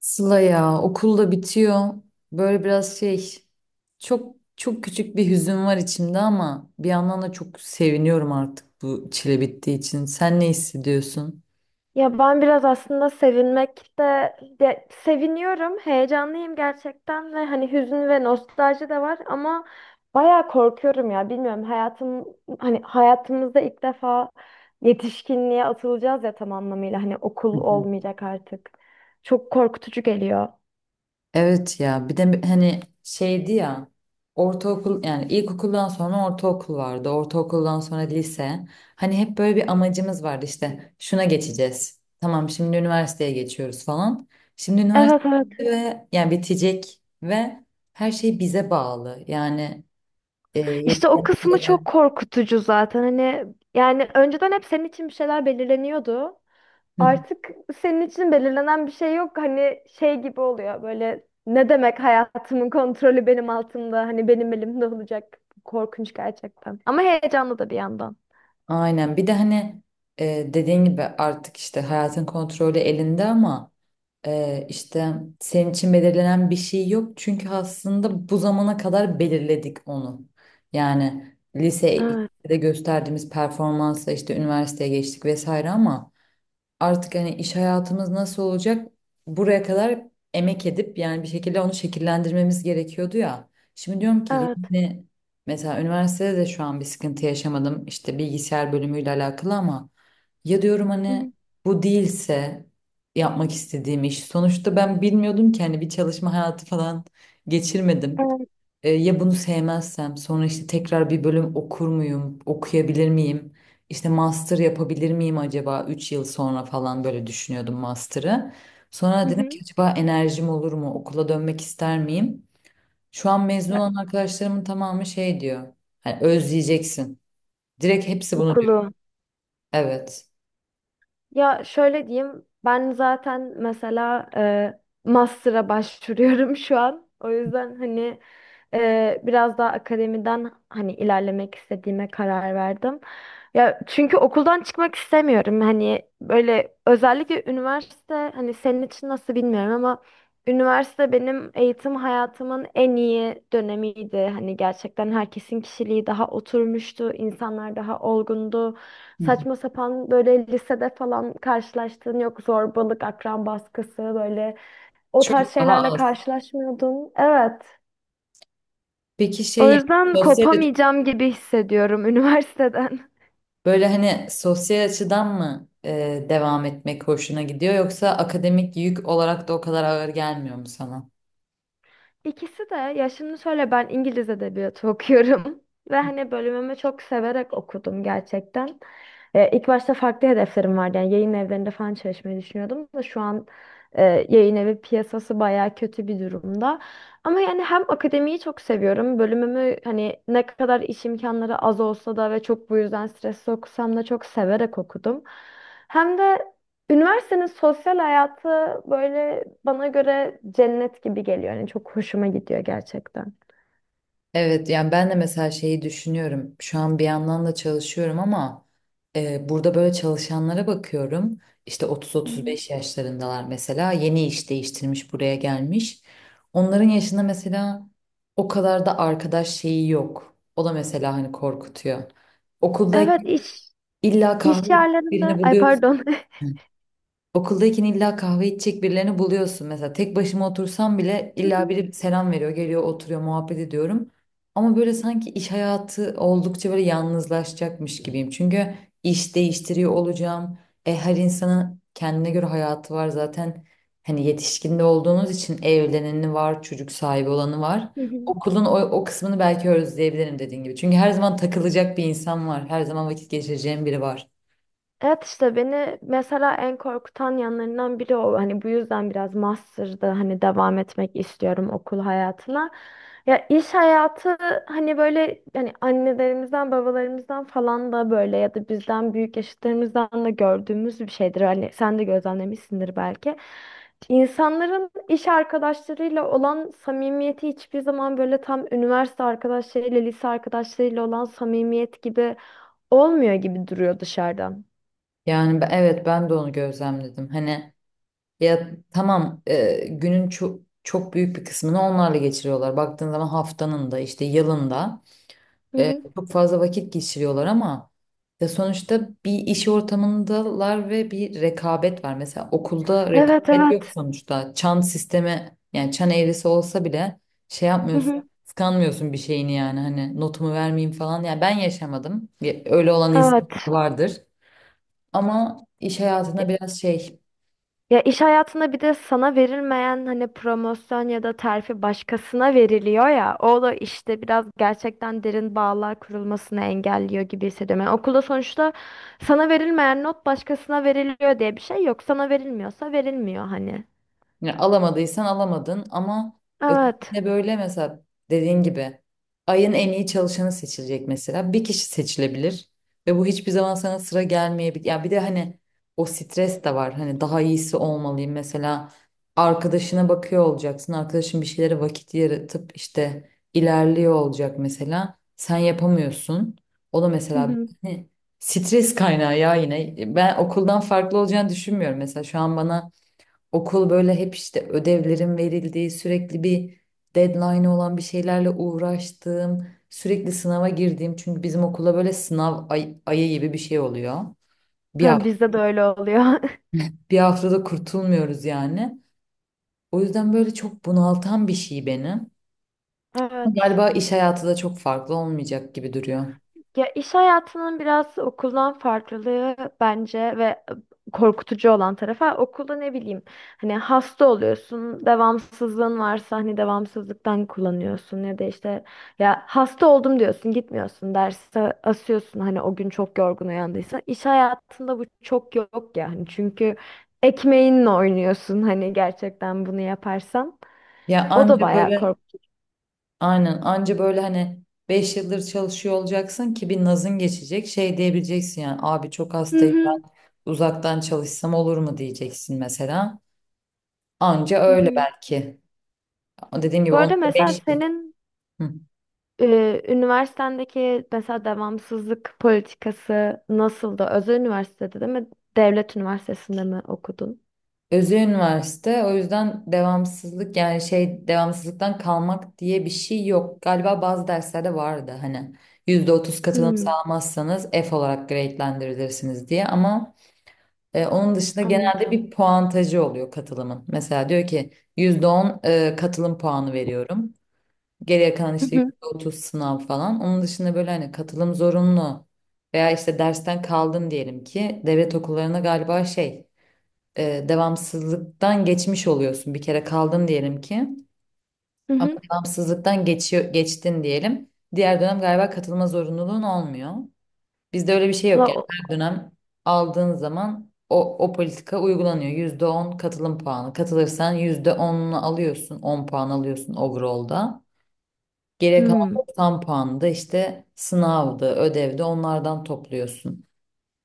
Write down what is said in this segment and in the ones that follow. Sıla ya okul da bitiyor. Böyle biraz şey, çok çok küçük bir hüzün var içimde, ama bir yandan da çok seviniyorum artık bu çile bittiği için. Sen ne hissediyorsun? Ya ben biraz aslında ya seviniyorum, heyecanlıyım gerçekten ve hani hüzün ve nostalji de var, ama bayağı korkuyorum ya, bilmiyorum, hani hayatımızda ilk defa yetişkinliğe atılacağız ya, tam anlamıyla hani okul olmayacak artık. Çok korkutucu geliyor. Evet, ya bir de hani şeydi ya, ortaokul yani ilkokuldan sonra ortaokul vardı, ortaokuldan sonra lise, hani hep böyle bir amacımız vardı işte şuna geçeceğiz, tamam şimdi üniversiteye geçiyoruz falan, şimdi üniversite Evet, evet. ve yani bitecek ve her şey bize bağlı yani e, İşte o yapacağım kısmı şeyler- çok korkutucu zaten. Hani yani önceden hep senin için bir şeyler belirleniyordu. Hı hı. Artık senin için belirlenen bir şey yok. Hani şey gibi oluyor böyle, ne demek hayatımın kontrolü benim altımda. Hani benim elimde olacak. Korkunç gerçekten. Ama heyecanlı da bir yandan. Aynen, bir de hani dediğin gibi artık işte hayatın kontrolü elinde, ama işte senin için belirlenen bir şey yok çünkü aslında bu zamana kadar belirledik onu. Yani Evet. lisede gösterdiğimiz performansa işte üniversiteye geçtik vesaire, ama artık hani iş hayatımız nasıl olacak, buraya kadar emek edip yani bir şekilde onu şekillendirmemiz gerekiyordu ya. Şimdi diyorum ki Evet. yine mesela üniversitede de şu an bir sıkıntı yaşamadım işte bilgisayar bölümüyle alakalı, ama ya diyorum Hı hani hı. bu değilse yapmak istediğim iş, sonuçta ben bilmiyordum ki hani bir çalışma hayatı falan geçirmedim. Evet. Ya bunu sevmezsem sonra işte tekrar bir bölüm okur muyum, okuyabilir miyim? İşte master yapabilir miyim acaba 3 yıl sonra falan, böyle düşünüyordum master'ı. Sonra Hı dedim ki hı. acaba enerjim olur mu? Okula dönmek ister miyim? Şu an mezun Ya, olan arkadaşlarımın tamamı şey diyor. Hani özleyeceksin. Direkt hepsi bunu diyor. okulu. Evet. Ya şöyle diyeyim, ben zaten mesela master'a başvuruyorum şu an. O yüzden hani biraz daha akademiden hani ilerlemek istediğime karar verdim. Ya çünkü okuldan çıkmak istemiyorum. Hani böyle özellikle üniversite, hani senin için nasıl bilmiyorum ama üniversite benim eğitim hayatımın en iyi dönemiydi. Hani gerçekten herkesin kişiliği daha oturmuştu, insanlar daha olgundu. Hı. Saçma sapan böyle lisede falan karşılaştığın yok zorbalık, akran baskısı, böyle o tarz Çok daha şeylerle az. karşılaşmıyordun. Evet. Peki şey O yani, yüzden sosyal... kopamayacağım gibi hissediyorum üniversiteden. Böyle hani sosyal açıdan mı devam etmek hoşuna gidiyor, yoksa akademik yük olarak da o kadar ağır gelmiyor mu sana? İkisi de. Ya şimdi şöyle, ben İngiliz edebiyatı okuyorum ve hani bölümümü çok severek okudum gerçekten. İlk başta farklı hedeflerim vardı, yani yayın evlerinde falan çalışmayı düşünüyordum da şu an e, yayın evi piyasası bayağı kötü bir durumda. Ama yani hem akademiyi çok seviyorum, bölümümü hani ne kadar iş imkanları az olsa da ve çok bu yüzden stresli okusam da çok severek okudum. Hem de üniversitenin sosyal hayatı böyle bana göre cennet gibi geliyor. Yani çok hoşuma gidiyor gerçekten. Evet, yani ben de mesela şeyi düşünüyorum. Şu an bir yandan da çalışıyorum, ama burada böyle çalışanlara bakıyorum. İşte Hı hı. 30-35 yaşlarındalar mesela, yeni iş değiştirmiş buraya gelmiş. Onların yaşında mesela o kadar da arkadaş şeyi yok. O da mesela hani korkutuyor. Evet, Okuldayken iş illa kahve iş birini yerlerinde, ay buluyorsun. pardon. Okuldayken illa kahve içecek birilerini buluyorsun. Mesela tek başıma otursam bile illa biri selam veriyor, geliyor, oturuyor, muhabbet ediyorum. Ama böyle sanki iş hayatı oldukça böyle yalnızlaşacakmış gibiyim. Çünkü iş değiştiriyor olacağım. Her insanın kendine göre hayatı var zaten. Hani yetişkinde olduğunuz için evleneni var, çocuk sahibi olanı var. Hı hı. Okulun o kısmını belki özleyebilirim dediğin gibi. Çünkü her zaman takılacak bir insan var. Her zaman vakit geçireceğim biri var. Evet, işte beni mesela en korkutan yanlarından biri o. Hani bu yüzden biraz master'da hani devam etmek istiyorum okul hayatına. Ya iş hayatı, hani böyle hani annelerimizden babalarımızdan falan da, böyle ya da bizden büyük yaşıtlarımızdan da gördüğümüz bir şeydir. Hani sen de gözlemlemişsindir belki. İnsanların iş arkadaşlarıyla olan samimiyeti hiçbir zaman böyle tam üniversite arkadaşlarıyla, lise arkadaşlarıyla olan samimiyet gibi olmuyor gibi duruyor dışarıdan. Yani evet, ben de onu gözlemledim. Hani ya tamam, günün çok çok büyük bir kısmını onlarla geçiriyorlar. Baktığın zaman haftanın da, işte yılın da Hı hı. çok fazla vakit geçiriyorlar, ama ya sonuçta bir iş ortamındalar ve bir rekabet var. Mesela okulda Evet, rekabet yok evet. sonuçta. Çan sistemi yani çan eğrisi olsa bile şey Hı yapmıyorsun. hı. Kıskanmıyorsun bir şeyini, yani hani notumu vermeyeyim falan. Yani ben yaşamadım. Ya öyle olan insan Evet. vardır. Ama iş hayatında biraz şey... Ya iş hayatında bir de sana verilmeyen hani promosyon ya da terfi başkasına veriliyor ya. O da işte biraz gerçekten derin bağlar kurulmasını engelliyor gibi hissediyorum. Yani okulda sonuçta sana verilmeyen not başkasına veriliyor diye bir şey yok. Sana verilmiyorsa verilmiyor hani. Yani alamadıysan alamadın, ama Evet. ötekinde böyle mesela dediğin gibi ayın en iyi çalışanı seçilecek mesela. Bir kişi seçilebilir ve bu hiçbir zaman sana sıra gelmeyebilir. Ya bir de hani o stres de var. Hani daha iyisi olmalıyım mesela, arkadaşına bakıyor olacaksın. Arkadaşın bir şeylere vakit yaratıp işte ilerliyor olacak mesela. Sen yapamıyorsun. O da Hı mesela hı. hani stres kaynağı ya yine. Ben okuldan farklı olacağını düşünmüyorum mesela, şu an bana okul böyle hep işte ödevlerin verildiği, sürekli bir deadline olan bir şeylerle uğraştığım, sürekli sınava girdiğim. Çünkü bizim okula böyle sınav ayı gibi bir şey oluyor. Bir Ha, hafta, bizde de öyle oluyor. bir haftada kurtulmuyoruz yani. O yüzden böyle çok bunaltan bir şey beni. Ama Evet. galiba iş hayatı da çok farklı olmayacak gibi duruyor. Ya iş hayatının biraz okuldan farklılığı bence ve korkutucu olan tarafı, okulda ne bileyim, hani hasta oluyorsun, devamsızlığın varsa hani devamsızlıktan kullanıyorsun ya da işte, ya hasta oldum diyorsun, gitmiyorsun derse asıyorsun hani o gün çok yorgun uyandıysa, iş hayatında bu çok yok yani, çünkü ekmeğinle oynuyorsun hani gerçekten bunu yaparsan, Ya o da anca bayağı böyle korkutucu. Aynen, anca böyle hani 5 yıldır çalışıyor olacaksın ki bir nazın geçecek, şey diyebileceksin yani, abi çok Hı hastayım hı. ben, uzaktan çalışsam olur mu diyeceksin mesela. Anca Hı öyle hı. belki. Dediğim gibi Bu onun arada da mesela 5 yıl. senin Hı. Üniversitendeki mesela devamsızlık politikası nasıldı? Özel üniversitede değil mi? Devlet üniversitesinde mi okudun? Özü üniversite, o yüzden devamsızlık yani şey, devamsızlıktan kalmak diye bir şey yok. Galiba bazı derslerde vardı hani %30 katılım Hmm, sağlamazsanız F olarak grade'lendirilirsiniz diye, ama onun dışında genelde anladım. bir puantajı oluyor katılımın. Mesela diyor ki %10 katılım puanı veriyorum. Geriye kalan Hı işte hı. %30 sınav falan. Onun dışında böyle hani katılım zorunlu veya işte dersten kaldın diyelim ki, devlet okullarına galiba şey devamsızlıktan geçmiş oluyorsun. Bir kere kaldın diyelim ki, Hı ama hı. devamsızlıktan geçiyor, geçtin diyelim. Diğer dönem galiba katılma zorunluluğun olmuyor. Bizde öyle bir şey yok Valla yani, her dönem aldığın zaman o politika uygulanıyor. %10 katılım puanı. Katılırsan %10'unu alıyorsun, 10 puan alıyorsun overall'da. Geriye kalan hmm. 90 puanı da işte sınavdı, ödevdi, onlardan topluyorsun.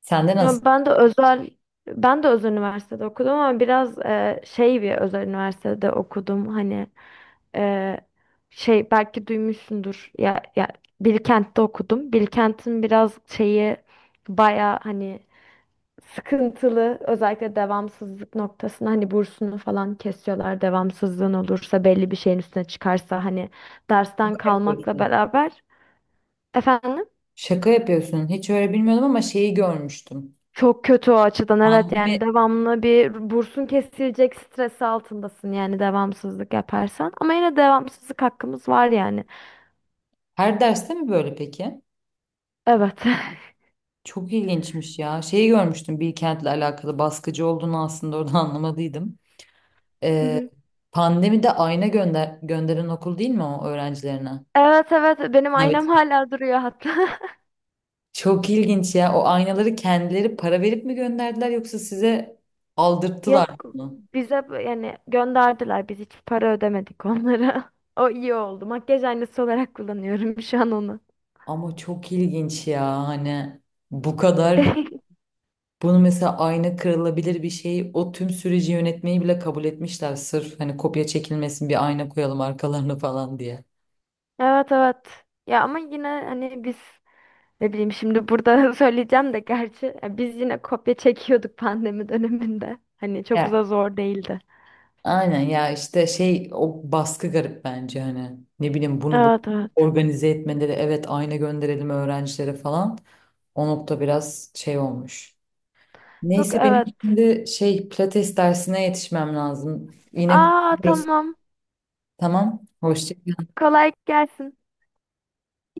Sen de nasıl... Ya ben de özel üniversitede okudum, ama biraz şey bir özel üniversitede okudum. Hani e, şey belki duymuşsundur. Ya, Bilkent'te okudum. Bilkent'in biraz şeyi baya hani sıkıntılı, özellikle devamsızlık noktasında hani bursunu falan kesiyorlar. Devamsızlığın olursa belli bir şeyin üstüne çıkarsa hani dersten Şaka kalmakla yapıyorsun? beraber, efendim, Şaka yapıyorsun. Hiç öyle bilmiyordum, ama şeyi görmüştüm. çok kötü o açıdan. Evet, Pandemi yani devamlı bir bursun kesilecek stresi altındasın yani devamsızlık yaparsan, ama yine devamsızlık hakkımız var yani. her derste mi böyle peki? Evet. Çok ilginçmiş ya. Şeyi görmüştüm Bilkent'le alakalı baskıcı olduğunu, aslında orada anlamadıydım. Hı Ee, hı. Pandemide ayna gönderen okul değil mi o öğrencilerine? Evet, evet, benim Evet. aynam hala duruyor hatta. Çok ilginç ya. O aynaları kendileri para verip mi gönderdiler, yoksa size aldırttılar Yok, mı? Yani gönderdiler. Biz hiç para ödemedik onlara. O iyi oldu. Makyaj aynası olarak kullanıyorum şu an onu. Ama çok ilginç ya hani, bu kadar, bunu mesela ayna kırılabilir bir şey, o tüm süreci yönetmeyi bile kabul etmişler sırf hani kopya çekilmesin, bir ayna koyalım arkalarına falan diye. Evet, evet. Ya ama yine hani biz ne bileyim, şimdi burada söyleyeceğim de gerçi, ya biz yine kopya çekiyorduk pandemi döneminde. Hani çok Ya da zor değildi. Aynen ya işte şey, o baskı garip bence hani, ne bileyim bunu Evet, evet. organize etmeleri, evet ayna gönderelim öğrencilere falan, o nokta biraz şey olmuş. Yok, Neyse, benim evet. şimdi şey pilates dersine yetişmem lazım. Yine Aa, konuşuruz. tamam. Tamam. Hoşça Kolay gelsin.